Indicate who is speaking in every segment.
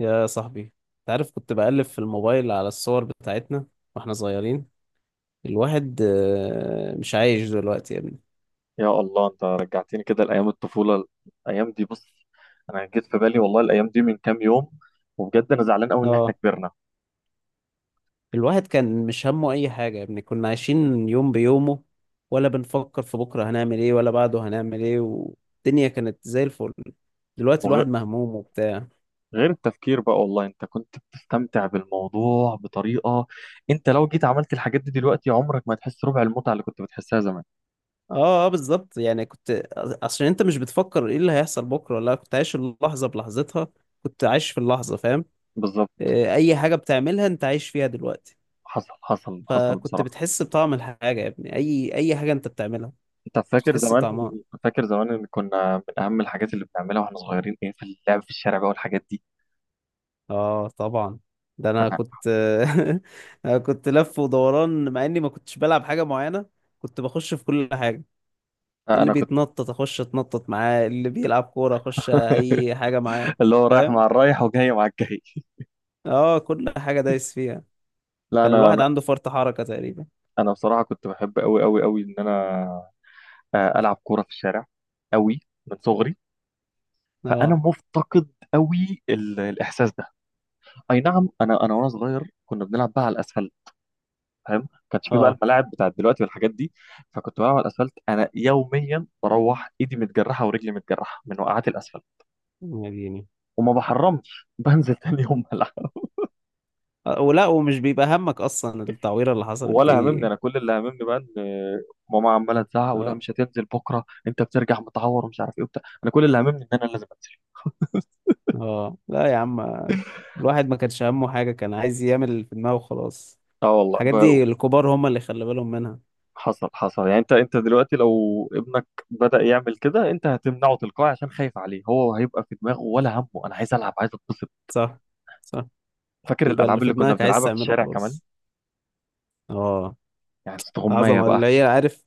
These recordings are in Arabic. Speaker 1: يا صاحبي، انت عارف كنت بقلب في الموبايل على الصور بتاعتنا واحنا صغيرين. الواحد مش عايش دلوقتي يا ابني.
Speaker 2: يا الله انت رجعتني كده لايام الطفوله. الايام دي بص، انا جيت في بالي والله الايام دي من كام يوم، وبجد انا زعلان قوي ان احنا
Speaker 1: اه،
Speaker 2: كبرنا.
Speaker 1: الواحد كان مش همه اي حاجة يا ابني، كنا عايشين يوم بيومه ولا بنفكر في بكرة هنعمل ايه ولا بعده هنعمل ايه، والدنيا كانت زي الفل. دلوقتي الواحد
Speaker 2: وغير
Speaker 1: مهموم وبتاع.
Speaker 2: التفكير بقى، والله انت كنت بتستمتع بالموضوع بطريقه. انت لو جيت عملت الحاجات دي دلوقتي عمرك ما هتحس ربع المتعه اللي كنت بتحسها زمان.
Speaker 1: اه، بالظبط، يعني كنت. عشان انت مش بتفكر ايه اللي هيحصل بكرة، ولا كنت عايش اللحظة بلحظتها، كنت عايش في اللحظة، فاهم.
Speaker 2: بالظبط.
Speaker 1: اي حاجة بتعملها انت عايش فيها دلوقتي.
Speaker 2: حصل حصل حصل
Speaker 1: فكنت
Speaker 2: بصراحه.
Speaker 1: بتحس بطعم الحاجة يا ابني، أي حاجة أنت بتعملها
Speaker 2: انت فاكر
Speaker 1: بتحس
Speaker 2: زمان،
Speaker 1: بطعمها.
Speaker 2: فاكر زمان ان كنا من اهم الحاجات اللي بنعملها واحنا صغيرين ايه؟ في اللعب في الشارع بقى والحاجات دي.
Speaker 1: آه طبعا. ده أنا
Speaker 2: انا
Speaker 1: كنت أنا كنت لف ودوران، مع إني ما كنتش بلعب حاجة معينة، كنت بخش في كل حاجة. اللي
Speaker 2: انا كنت
Speaker 1: بيتنطط أخش أتنطط معاه، اللي بيلعب كورة أخش، أي حاجة معاه،
Speaker 2: اللي هو رايح
Speaker 1: فاهم.
Speaker 2: مع الرايح وجاي مع الجاي.
Speaker 1: آه، كل حاجة دايس فيها.
Speaker 2: لا
Speaker 1: كان الواحد
Speaker 2: انا.
Speaker 1: عنده فرط حركة تقريبا.
Speaker 2: انا بصراحه كنت بحب قوي قوي قوي ان انا، العب كوره في الشارع قوي من صغري. فانا
Speaker 1: آه
Speaker 2: مفتقد قوي الاحساس ده. اي نعم انا. انا وانا صغير كنا بنلعب بقى على الاسفلت، فاهم؟ كانش في بقى
Speaker 1: آه.
Speaker 2: الملاعب بتاعت دلوقتي والحاجات دي. فكنت بلعب على الاسفلت انا يوميا بروح ايدي متجرحه ورجلي متجرحه من وقعات الاسفلت.
Speaker 1: يا ديني.
Speaker 2: وما بحرمش بنزل تاني يوم العب.
Speaker 1: ولا ومش بيبقى همك أصلا التعويرة اللي حصلت
Speaker 2: ولا هممني.
Speaker 1: دي.
Speaker 2: انا كل اللي هممني بقى ان ماما عماله تزعق، ولا
Speaker 1: آه.
Speaker 2: مش هتنزل بكره انت بترجع متعور ومش عارف ايه وبتاع. انا كل اللي هممني ان انا لازم انزل.
Speaker 1: اه لا يا عم، الواحد ما كانش همه حاجة، كان عايز يعمل اللي في دماغه وخلاص.
Speaker 2: اه والله
Speaker 1: الحاجات دي الكبار هم اللي خلي بالهم منها.
Speaker 2: حصل حصل. يعني انت دلوقتي لو ابنك بدأ يعمل كده انت هتمنعه تلقائي عشان خايف عليه، هو هيبقى في دماغه ولا همه انا عايز العب عايز اتبسط.
Speaker 1: صح، صح.
Speaker 2: فاكر
Speaker 1: يبقى اللي
Speaker 2: الالعاب
Speaker 1: في
Speaker 2: اللي كنا
Speaker 1: دماغك عايز
Speaker 2: بنلعبها في
Speaker 1: تعمله
Speaker 2: الشارع كمان؟
Speaker 1: خلاص. اه.
Speaker 2: يعني استغمايه
Speaker 1: عظمة،
Speaker 2: بقى.
Speaker 1: اللي هي عارف.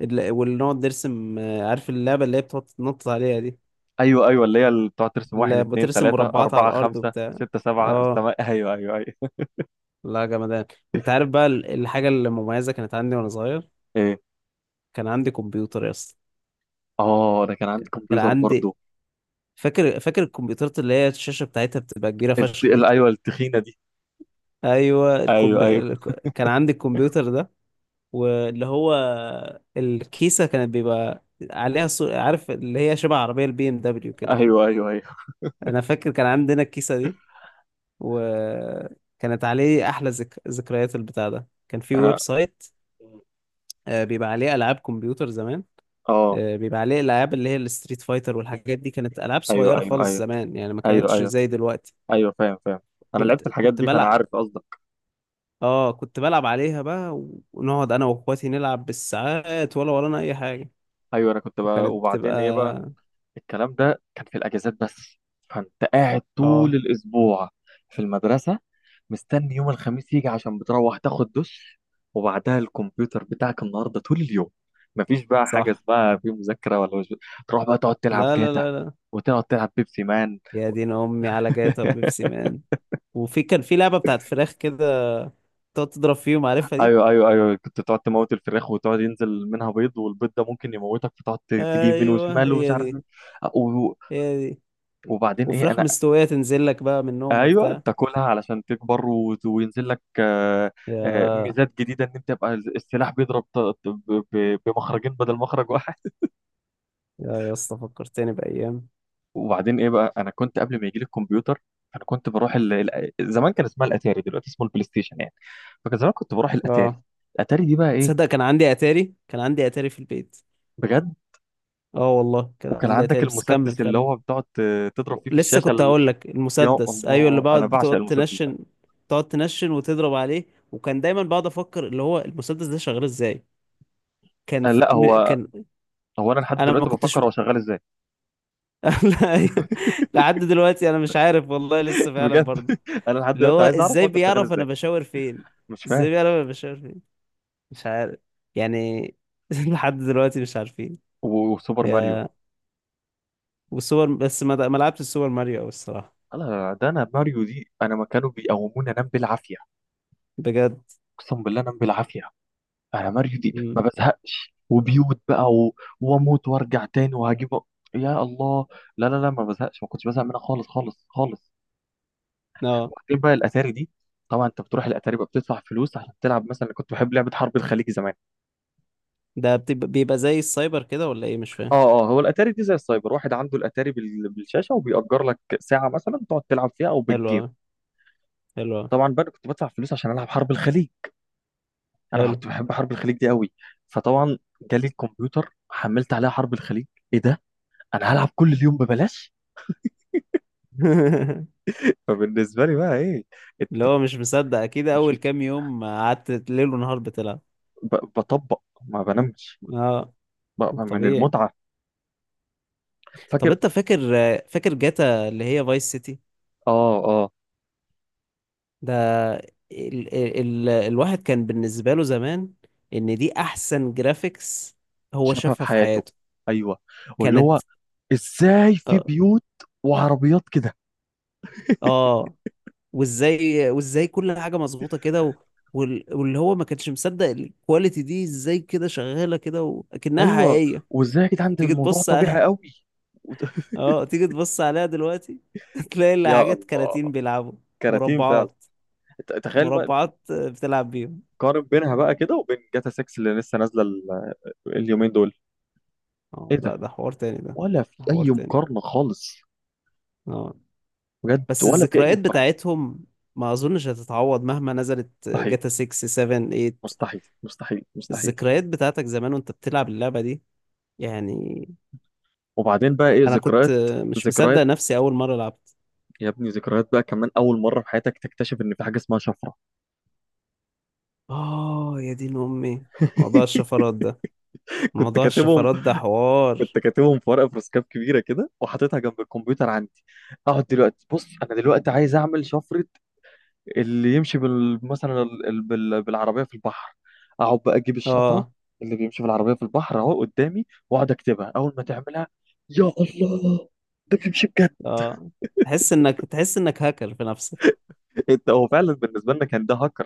Speaker 1: اللي نقعد نرسم، عارف اللعبة اللي هي بتقعد تنطط عليها دي؟
Speaker 2: ايوه ايوه اللي هي اللي بتقعد ترسم واحد
Speaker 1: اللي
Speaker 2: اتنين
Speaker 1: بترسم
Speaker 2: تلاته
Speaker 1: مربعات على
Speaker 2: اربعه
Speaker 1: الأرض
Speaker 2: خمسه
Speaker 1: وبتاع.
Speaker 2: سته سبعه
Speaker 1: اه.
Speaker 2: ايوه ايوه ايوه.
Speaker 1: لا جمدان. وانت عارف بقى الحاجة المميزة كانت عندي وانا صغير؟
Speaker 2: ايه؟
Speaker 1: كان عندي كمبيوتر يا اسطى.
Speaker 2: اه ده كان عندي
Speaker 1: كان
Speaker 2: كمبيوتر
Speaker 1: عندي.
Speaker 2: برضه.
Speaker 1: فاكر، فاكر الكمبيوترات اللي هي الشاشة بتاعتها بتبقى كبيرة فشخ دي؟
Speaker 2: ايوه التخينه دي.
Speaker 1: ايوه
Speaker 2: ايوه ايوه
Speaker 1: كان عندي الكمبيوتر ده. واللي هو الكيسه كانت بيبقى عليها صور، عارف اللي هي شبه عربيه البي ام دبليو كده.
Speaker 2: ايوه ايوه ايوه.
Speaker 1: انا فاكر كان عندنا الكيسه دي، وكانت عليه احلى ذكريات. البتاع ده كان في ويب
Speaker 2: انا.
Speaker 1: سايت، بيبقى عليه العاب كمبيوتر زمان.
Speaker 2: اه
Speaker 1: بيبقى عليه الالعاب اللي هي الستريت فايتر والحاجات دي، كانت العاب
Speaker 2: ايوه
Speaker 1: صغيره
Speaker 2: ايوه
Speaker 1: خالص
Speaker 2: ايوه
Speaker 1: زمان، يعني ما
Speaker 2: ايوه
Speaker 1: كانتش
Speaker 2: ايوه
Speaker 1: زي دلوقتي.
Speaker 2: ايوه فاهم فاهم. انا
Speaker 1: كنت
Speaker 2: لعبت الحاجات
Speaker 1: كنت
Speaker 2: دي فانا
Speaker 1: بلعب.
Speaker 2: عارف قصدك.
Speaker 1: اه كنت بلعب عليها بقى. ونقعد انا واخواتي نلعب بالساعات ولا ورانا اي حاجه.
Speaker 2: ايوه انا كنت بقى،
Speaker 1: وكانت بتبقى.
Speaker 2: وبعدين ايه بقى؟ الكلام ده كان في الاجازات بس. فانت قاعد طول
Speaker 1: اه.
Speaker 2: الاسبوع في المدرسه مستني يوم الخميس يجي عشان بتروح تاخد دش، وبعدها الكمبيوتر بتاعك النهارده طول اليوم. مفيش بقى حاجه
Speaker 1: صح.
Speaker 2: اسمها في مذاكره ولا مش... تروح بقى تقعد تلعب
Speaker 1: لا، لا،
Speaker 2: جاتا
Speaker 1: لا، لا.
Speaker 2: وتقعد تلعب بيبسي مان.
Speaker 1: يا دين امي على جاتا وبيبسي مان. وفي كان في لعبه بتاعت فراخ كده، تقعد تضرب فيهم، عارفها دي؟
Speaker 2: ايوه ايوه ايوه. كنت تقعد تموت الفراخ وتقعد ينزل منها بيض، والبيض ده ممكن يموتك فتقعد تيجي يمين
Speaker 1: ايوه
Speaker 2: وشمال ومش
Speaker 1: هي
Speaker 2: عارف
Speaker 1: دي.
Speaker 2: ايه. و-
Speaker 1: هي دي.
Speaker 2: وبعدين ايه؟
Speaker 1: وفراخ
Speaker 2: انا
Speaker 1: مستويه تنزل لك بقى منهم
Speaker 2: ايوه
Speaker 1: وبتاع.
Speaker 2: تاكلها علشان تكبر وينزل لك
Speaker 1: يا
Speaker 2: ميزات جديده ان انت تبقى السلاح بيضرب بمخرجين بدل مخرج واحد.
Speaker 1: يا اسطى فكرتني بايام.
Speaker 2: وبعدين ايه بقى؟ انا كنت قبل ما يجي لي الكمبيوتر، انا كنت بروح زمان كان اسمها الاتاري، دلوقتي اسمه البلاي ستيشن يعني. فكان زمان كنت بروح الاتاري.
Speaker 1: اه،
Speaker 2: الاتاري دي بقى ايه؟
Speaker 1: تصدق كان عندي اتاري؟ كان عندي اتاري في البيت.
Speaker 2: بجد.
Speaker 1: اه والله كان
Speaker 2: وكان
Speaker 1: عندي
Speaker 2: عندك
Speaker 1: اتاري، بس كمل
Speaker 2: المسدس اللي
Speaker 1: كمل.
Speaker 2: هو بتقعد تضرب فيه في
Speaker 1: لسه
Speaker 2: الشاشه
Speaker 1: كنت هقول لك
Speaker 2: يا
Speaker 1: المسدس، ايوه، اللي
Speaker 2: الله انا
Speaker 1: بقعد
Speaker 2: بعشق
Speaker 1: بتقعد
Speaker 2: المسدس ده.
Speaker 1: تنشن، تقعد تنشن وتضرب عليه. وكان دايما بقعد افكر اللي هو المسدس ده شغال ازاي.
Speaker 2: أنا لا هو.
Speaker 1: كان
Speaker 2: هو انا لحد
Speaker 1: انا ما
Speaker 2: دلوقتي
Speaker 1: كنتش
Speaker 2: بفكر هو شغال ازاي.
Speaker 1: لا أيوة. لحد دلوقتي انا مش عارف والله، لسه فعلا
Speaker 2: بجد.
Speaker 1: برضه.
Speaker 2: انا لحد
Speaker 1: اللي
Speaker 2: دلوقتي
Speaker 1: هو
Speaker 2: عايز اعرف
Speaker 1: ازاي
Speaker 2: هو كان شغال
Speaker 1: بيعرف انا
Speaker 2: ازاي.
Speaker 1: بشاور فين؟
Speaker 2: مش فاهم.
Speaker 1: ازاي بيعرف انا بشاور فين؟ مش عارف يعني. لحد دلوقتي مش عارفين.
Speaker 2: وسوبر ماريو.
Speaker 1: يا، والسوبر، بس ما لعبتش السوبر ماريو أوي الصراحة.
Speaker 2: انا ده انا ماريو دي انا ما كانوا بيقوموني انام بالعافيه.
Speaker 1: بجد.
Speaker 2: اقسم بالله انام بالعافيه. انا ماريو دي ما بزهقش وبيوت بقى و... واموت وارجع تاني وهجيب. يا الله. لا لا لا ما بزهقش، ما كنتش بزهق منها خالص خالص خالص.
Speaker 1: م.
Speaker 2: وبعدين بقى الاتاري دي، طبعا انت بتروح الاتاري بقى بتدفع فلوس عشان تلعب، مثلا كنت بحب لعبه حرب الخليج زمان.
Speaker 1: ده بتبقى- بيبقى زي السايبر كده ولا ايه؟ مش فاهم.
Speaker 2: اه اه هو الاتاري دي زي السايبر، واحد عنده الاتاري بالشاشه وبيأجر لك ساعه مثلا تقعد تلعب فيها او
Speaker 1: حلو
Speaker 2: بالجيم.
Speaker 1: أوي، حلو أوي،
Speaker 2: طبعا بقى أنا كنت بدفع فلوس عشان العب حرب الخليج. انا
Speaker 1: حلو.
Speaker 2: كنت بحب حرب الخليج دي قوي. فطبعا جالي الكمبيوتر، حملت عليها حرب الخليج. ايه ده؟ انا هلعب كل اليوم ببلاش. فبالنسبه لي بقى ايه؟
Speaker 1: اللي
Speaker 2: إت-
Speaker 1: هو مش مصدق، اكيد
Speaker 2: مش
Speaker 1: اول كام يوم قعدت ليل ونهار بتلعب.
Speaker 2: بطبق. ما بنامش
Speaker 1: اه
Speaker 2: بقى من
Speaker 1: طبيعي.
Speaker 2: المتعه.
Speaker 1: طب
Speaker 2: فاكر.
Speaker 1: انت فاكر. فاكر جاتا اللي هي فايس سيتي؟
Speaker 2: اه آه.
Speaker 1: ده ال... ال... الواحد كان بالنسبة له زمان ان دي احسن جرافيكس هو
Speaker 2: شافها في
Speaker 1: شافها في
Speaker 2: حياته.
Speaker 1: حياته.
Speaker 2: ايوه. واللي هو
Speaker 1: كانت.
Speaker 2: ازاي في
Speaker 1: اه.
Speaker 2: بيوت وعربيات كده.
Speaker 1: آه، وازاي كل حاجه مظبوطه كده و... واللي هو ما كانش مصدق الكواليتي دي ازاي كده شغاله كده وكأنها
Speaker 2: ايوه.
Speaker 1: حقيقيه.
Speaker 2: وازاي يا جدعان ده
Speaker 1: تيجي
Speaker 2: الموضوع
Speaker 1: تبص
Speaker 2: طبيعي
Speaker 1: على.
Speaker 2: قوي. وت-
Speaker 1: اه تيجي تبص عليها دلوقتي. تلاقي اللي
Speaker 2: يا
Speaker 1: حاجات
Speaker 2: الله.
Speaker 1: كراتين بيلعبوا.
Speaker 2: كراتين فعلا.
Speaker 1: مربعات.
Speaker 2: تخيل بقى.
Speaker 1: مربعات بتلعب بيهم.
Speaker 2: قارن بينها بقى كده وبين جاتا 6 اللي لسه نازله اليومين دول. ايه
Speaker 1: اه.
Speaker 2: ده؟
Speaker 1: لا ده حوار تاني ده.
Speaker 2: ولا في
Speaker 1: ده حوار
Speaker 2: اي
Speaker 1: تاني.
Speaker 2: مقارنه خالص.
Speaker 1: اه.
Speaker 2: بجد
Speaker 1: بس
Speaker 2: ولا في اي
Speaker 1: الذكريات
Speaker 2: مقارنه.
Speaker 1: بتاعتهم، ما اظنش هتتعوض مهما نزلت
Speaker 2: مستحيل.
Speaker 1: جاتا 6 7 8.
Speaker 2: مستحيل مستحيل مستحيل.
Speaker 1: الذكريات بتاعتك زمان وانت بتلعب اللعبة دي يعني.
Speaker 2: وبعدين بقى ايه؟
Speaker 1: انا كنت
Speaker 2: ذكريات.
Speaker 1: مش مصدق
Speaker 2: ذكريات،
Speaker 1: نفسي اول مره لعبت.
Speaker 2: يا ابني، ذكريات بقى كمان اول مره في حياتك تكتشف ان في حاجه اسمها شفره.
Speaker 1: اه. يا دين امي موضوع الشفرات ده.
Speaker 2: كنت
Speaker 1: موضوع
Speaker 2: كاتبهم.
Speaker 1: الشفرات ده حوار.
Speaker 2: كنت كاتبهم في ورقه في رسكاب كبيره كده وحاططها جنب الكمبيوتر عندي. اقعد دلوقتي بص، انا دلوقتي عايز اعمل شفره. اللي يمشي مثلا بالعربيه في البحر. اقعد بقى اجيب الشفره
Speaker 1: اه
Speaker 2: اللي بيمشي بالعربيه في البحر، اهو قدامي واقعد اكتبها اول ما تعملها. يا الله! ده بيمشي بجد.
Speaker 1: اه. تحس انك، تحس انك هاكر في نفسك.
Speaker 2: انت هو فعلا بالنسبه لنا كان ده هاكر.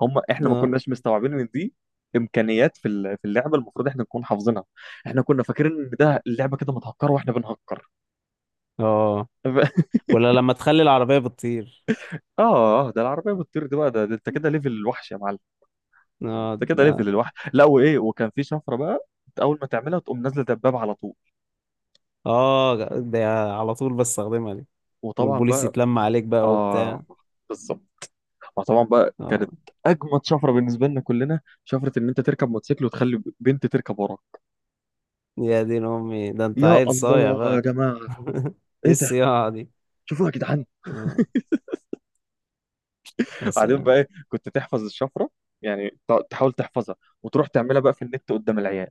Speaker 2: هم احنا ما
Speaker 1: اه
Speaker 2: كناش مستوعبين ان دي امكانيات في في اللعبه المفروض احنا نكون حافظينها. احنا كنا فاكرين ان ده اللعبه كده متهكره واحنا بنهكر.
Speaker 1: اه. ولا لما تخلي العربيه بتطير.
Speaker 2: اه اه ده العربيه بتطير دي بقى ده، ده انت كده ليفل الوحش يا معلم.
Speaker 1: اه
Speaker 2: انت كده
Speaker 1: اه.
Speaker 2: ليفل الوحش. لا وايه، وكان في شفره بقى انت اول ما تعملها تقوم نازله دبابه على طول.
Speaker 1: آه، ده على طول بستخدمها دي.
Speaker 2: وطبعا
Speaker 1: والبوليس
Speaker 2: بقى
Speaker 1: يتلم عليك بقى وبتاع.
Speaker 2: اه بالظبط. ما طبعا بقى كانت
Speaker 1: اه.
Speaker 2: اجمد شفره بالنسبه لنا كلنا شفره ان انت تركب موتوسيكل وتخلي بنت تركب وراك.
Speaker 1: يا دين امي ده انت
Speaker 2: يا
Speaker 1: عيل صايع
Speaker 2: الله يا
Speaker 1: بقى.
Speaker 2: جماعه.
Speaker 1: ايه
Speaker 2: ايه ده؟
Speaker 1: الصياعه دي.
Speaker 2: شوفوا يا جدعان.
Speaker 1: اه يا
Speaker 2: بعدين بقى
Speaker 1: سلام.
Speaker 2: ايه؟ كنت تحفظ الشفره، يعني تحاول تحفظها، وتروح تعملها بقى في النت قدام العيال.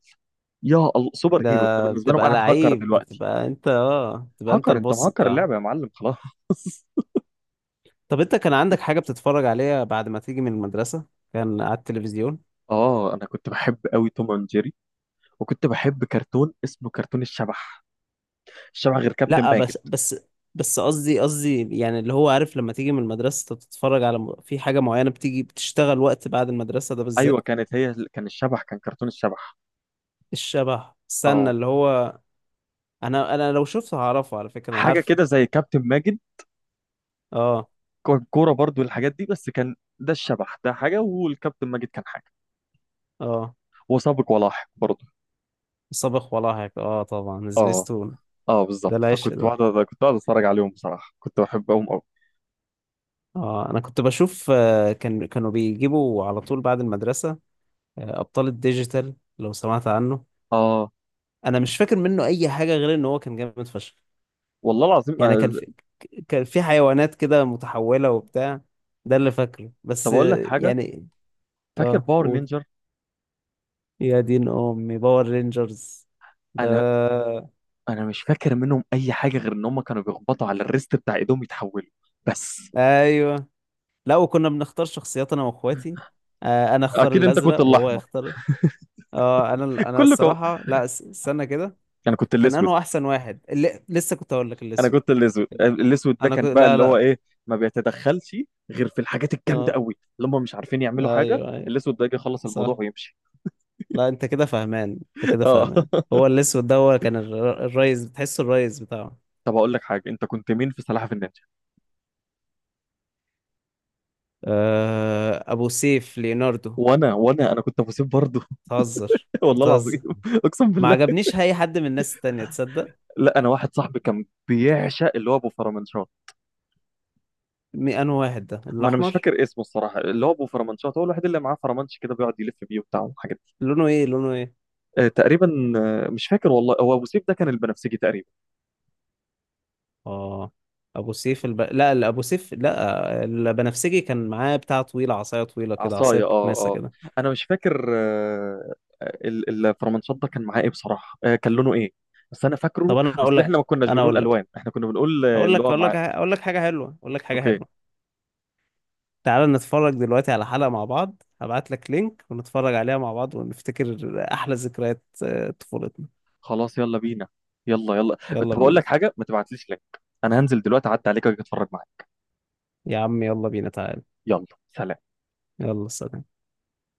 Speaker 2: يا الله سوبر
Speaker 1: ده
Speaker 2: هيرو انت بالنسبه لهم،
Speaker 1: بتبقى
Speaker 2: قاعد هاكر
Speaker 1: لعيب،
Speaker 2: دلوقتي.
Speaker 1: بتبقى انت اه بتبقى انت
Speaker 2: هكر، انت
Speaker 1: البص
Speaker 2: مهكر
Speaker 1: بتاعه.
Speaker 2: اللعبه يا معلم خلاص.
Speaker 1: طب انت كان عندك حاجة بتتفرج عليها بعد ما تيجي من المدرسة؟ كان على التلفزيون.
Speaker 2: اه انا كنت بحب قوي توم اند جيري. وكنت بحب كرتون اسمه كرتون الشبح. الشبح غير كابتن
Speaker 1: لا
Speaker 2: ماجد.
Speaker 1: بس، بس، بس قصدي، قصدي يعني اللي هو عارف، لما تيجي من المدرسة انت بتتفرج على في حاجة معينة بتيجي بتشتغل وقت بعد المدرسة ده
Speaker 2: ايوه
Speaker 1: بالذات.
Speaker 2: كانت هي، كان الشبح، كان كرتون الشبح.
Speaker 1: الشبح، استنى
Speaker 2: اه
Speaker 1: اللي هو، انا لو شفته هعرفه على فكرة، انا
Speaker 2: حاجه
Speaker 1: عارفه.
Speaker 2: كده زي كابتن ماجد.
Speaker 1: اه
Speaker 2: كان كوره برضو والحاجات دي، بس كان ده الشبح ده حاجه والكابتن ماجد كان حاجه.
Speaker 1: اه.
Speaker 2: وسابق ولاحق برضو.
Speaker 1: صابغ ولاحق، اه طبعا
Speaker 2: اه
Speaker 1: سبيستون.
Speaker 2: اه
Speaker 1: ده
Speaker 2: بالظبط.
Speaker 1: العشق
Speaker 2: فكنت
Speaker 1: ده.
Speaker 2: بقعد، كنت بقعد اتفرج عليهم، بصراحه كنت بحبهم قوي.
Speaker 1: اه انا كنت بشوف، كان كانوا بيجيبوا على طول بعد المدرسة، ابطال الديجيتال، لو سمعت عنه.
Speaker 2: اه
Speaker 1: انا مش فاكر منه اي حاجة غير ان هو كان جامد فشخ.
Speaker 2: والله العظيم.
Speaker 1: يعني كان في، كان في حيوانات كده متحولة وبتاع. ده اللي فاكره
Speaker 2: طب
Speaker 1: بس،
Speaker 2: اقول لك حاجه،
Speaker 1: يعني.
Speaker 2: فاكر
Speaker 1: اه
Speaker 2: باور
Speaker 1: قول.
Speaker 2: نينجر؟
Speaker 1: يا دين امي باور رينجرز ده.
Speaker 2: انا. انا مش فاكر منهم اي حاجه غير ان هم كانوا بيخبطوا على الريست بتاع ايدهم يتحولوا بس.
Speaker 1: ايوه، لا وكنا بنختار شخصيات انا واخواتي. انا اختار
Speaker 2: اكيد انت كنت
Speaker 1: الازرق وهو
Speaker 2: الاحمر.
Speaker 1: يختار. اه انا انا
Speaker 2: كله كم...
Speaker 1: الصراحة لا استنى كده.
Speaker 2: انا كنت
Speaker 1: كان
Speaker 2: الاسود.
Speaker 1: انه احسن واحد، اللي لسه كنت اقول لك
Speaker 2: انا
Speaker 1: الاسود.
Speaker 2: كنت الاسود، الاسود ده
Speaker 1: انا
Speaker 2: كان
Speaker 1: كنت،
Speaker 2: بقى
Speaker 1: لا،
Speaker 2: اللي هو
Speaker 1: لا.
Speaker 2: ايه، ما بيتدخلش غير في الحاجات الجامده
Speaker 1: اه.
Speaker 2: قوي، اللي هم مش عارفين يعملوا حاجه.
Speaker 1: ايوه ايوه.
Speaker 2: الاسود ده يجي يخلص الموضوع
Speaker 1: صح.
Speaker 2: ويمشي.
Speaker 1: لا انت كده فاهمان. انت كده
Speaker 2: اه.
Speaker 1: فاهمان. هو الاسود ده هو كان الريس، بتحسه الريس بتاعه.
Speaker 2: طب اقول لك حاجه، انت كنت مين في سلاحف النينجا؟
Speaker 1: ابو سيف ليوناردو.
Speaker 2: وانا انا كنت ابو سيف برضه.
Speaker 1: بتهزر
Speaker 2: والله العظيم.
Speaker 1: بتهزر.
Speaker 2: اقسم
Speaker 1: ما
Speaker 2: بالله.
Speaker 1: عجبنيش اي حد من الناس التانية، تصدق؟
Speaker 2: لا انا واحد صاحبي كان بيعشق اللي هو ابو فرمنشار.
Speaker 1: مي انه واحد ده
Speaker 2: ما انا مش
Speaker 1: الاحمر.
Speaker 2: فاكر اسمه الصراحه، اللي هو ابو فرمانشات هو الوحيد اللي معاه فرمانش كده بيقعد يلف بيه وبتاع والحاجات دي.
Speaker 1: لونه ايه؟ لونه ايه؟
Speaker 2: آه تقريبا. آه مش فاكر والله، هو ابو سيف ده كان البنفسجي تقريبا.
Speaker 1: اه ابو سيف لا الابو سيف لا البنفسجي كان معاه بتاع طويله، عصايه طويله كده، عصايه
Speaker 2: عصايه اه
Speaker 1: كناسه
Speaker 2: اه.
Speaker 1: كده.
Speaker 2: انا مش فاكر. آه الفرمانشات ده كان معاه ايه بصراحه، آه كان لونه ايه؟ بس انا فاكره.
Speaker 1: طب انا اقول
Speaker 2: اصل احنا ما
Speaker 1: لك،
Speaker 2: كناش
Speaker 1: انا
Speaker 2: بنقول
Speaker 1: اقول لك،
Speaker 2: الوان، احنا كنا بنقول
Speaker 1: اقول
Speaker 2: اللي
Speaker 1: لك،
Speaker 2: هو
Speaker 1: اقول
Speaker 2: معاه.
Speaker 1: لك، اقول لك حاجه حلوه، اقول لك حاجه
Speaker 2: اوكي.
Speaker 1: حلوه. تعالى نتفرج دلوقتي على حلقه مع بعض، هبعت لك لينك ونتفرج عليها مع بعض ونفتكر احلى ذكريات طفولتنا.
Speaker 2: خلاص يلا بينا. يلا يلا.
Speaker 1: يلا
Speaker 2: طب اقول لك
Speaker 1: بينا.
Speaker 2: حاجه، ما تبعتليش لينك، انا هنزل دلوقتي اعدي عليك واجي اتفرج معاك.
Speaker 1: يا عم يلا بينا تعالى.
Speaker 2: يلا سلام.
Speaker 1: يلا سلام.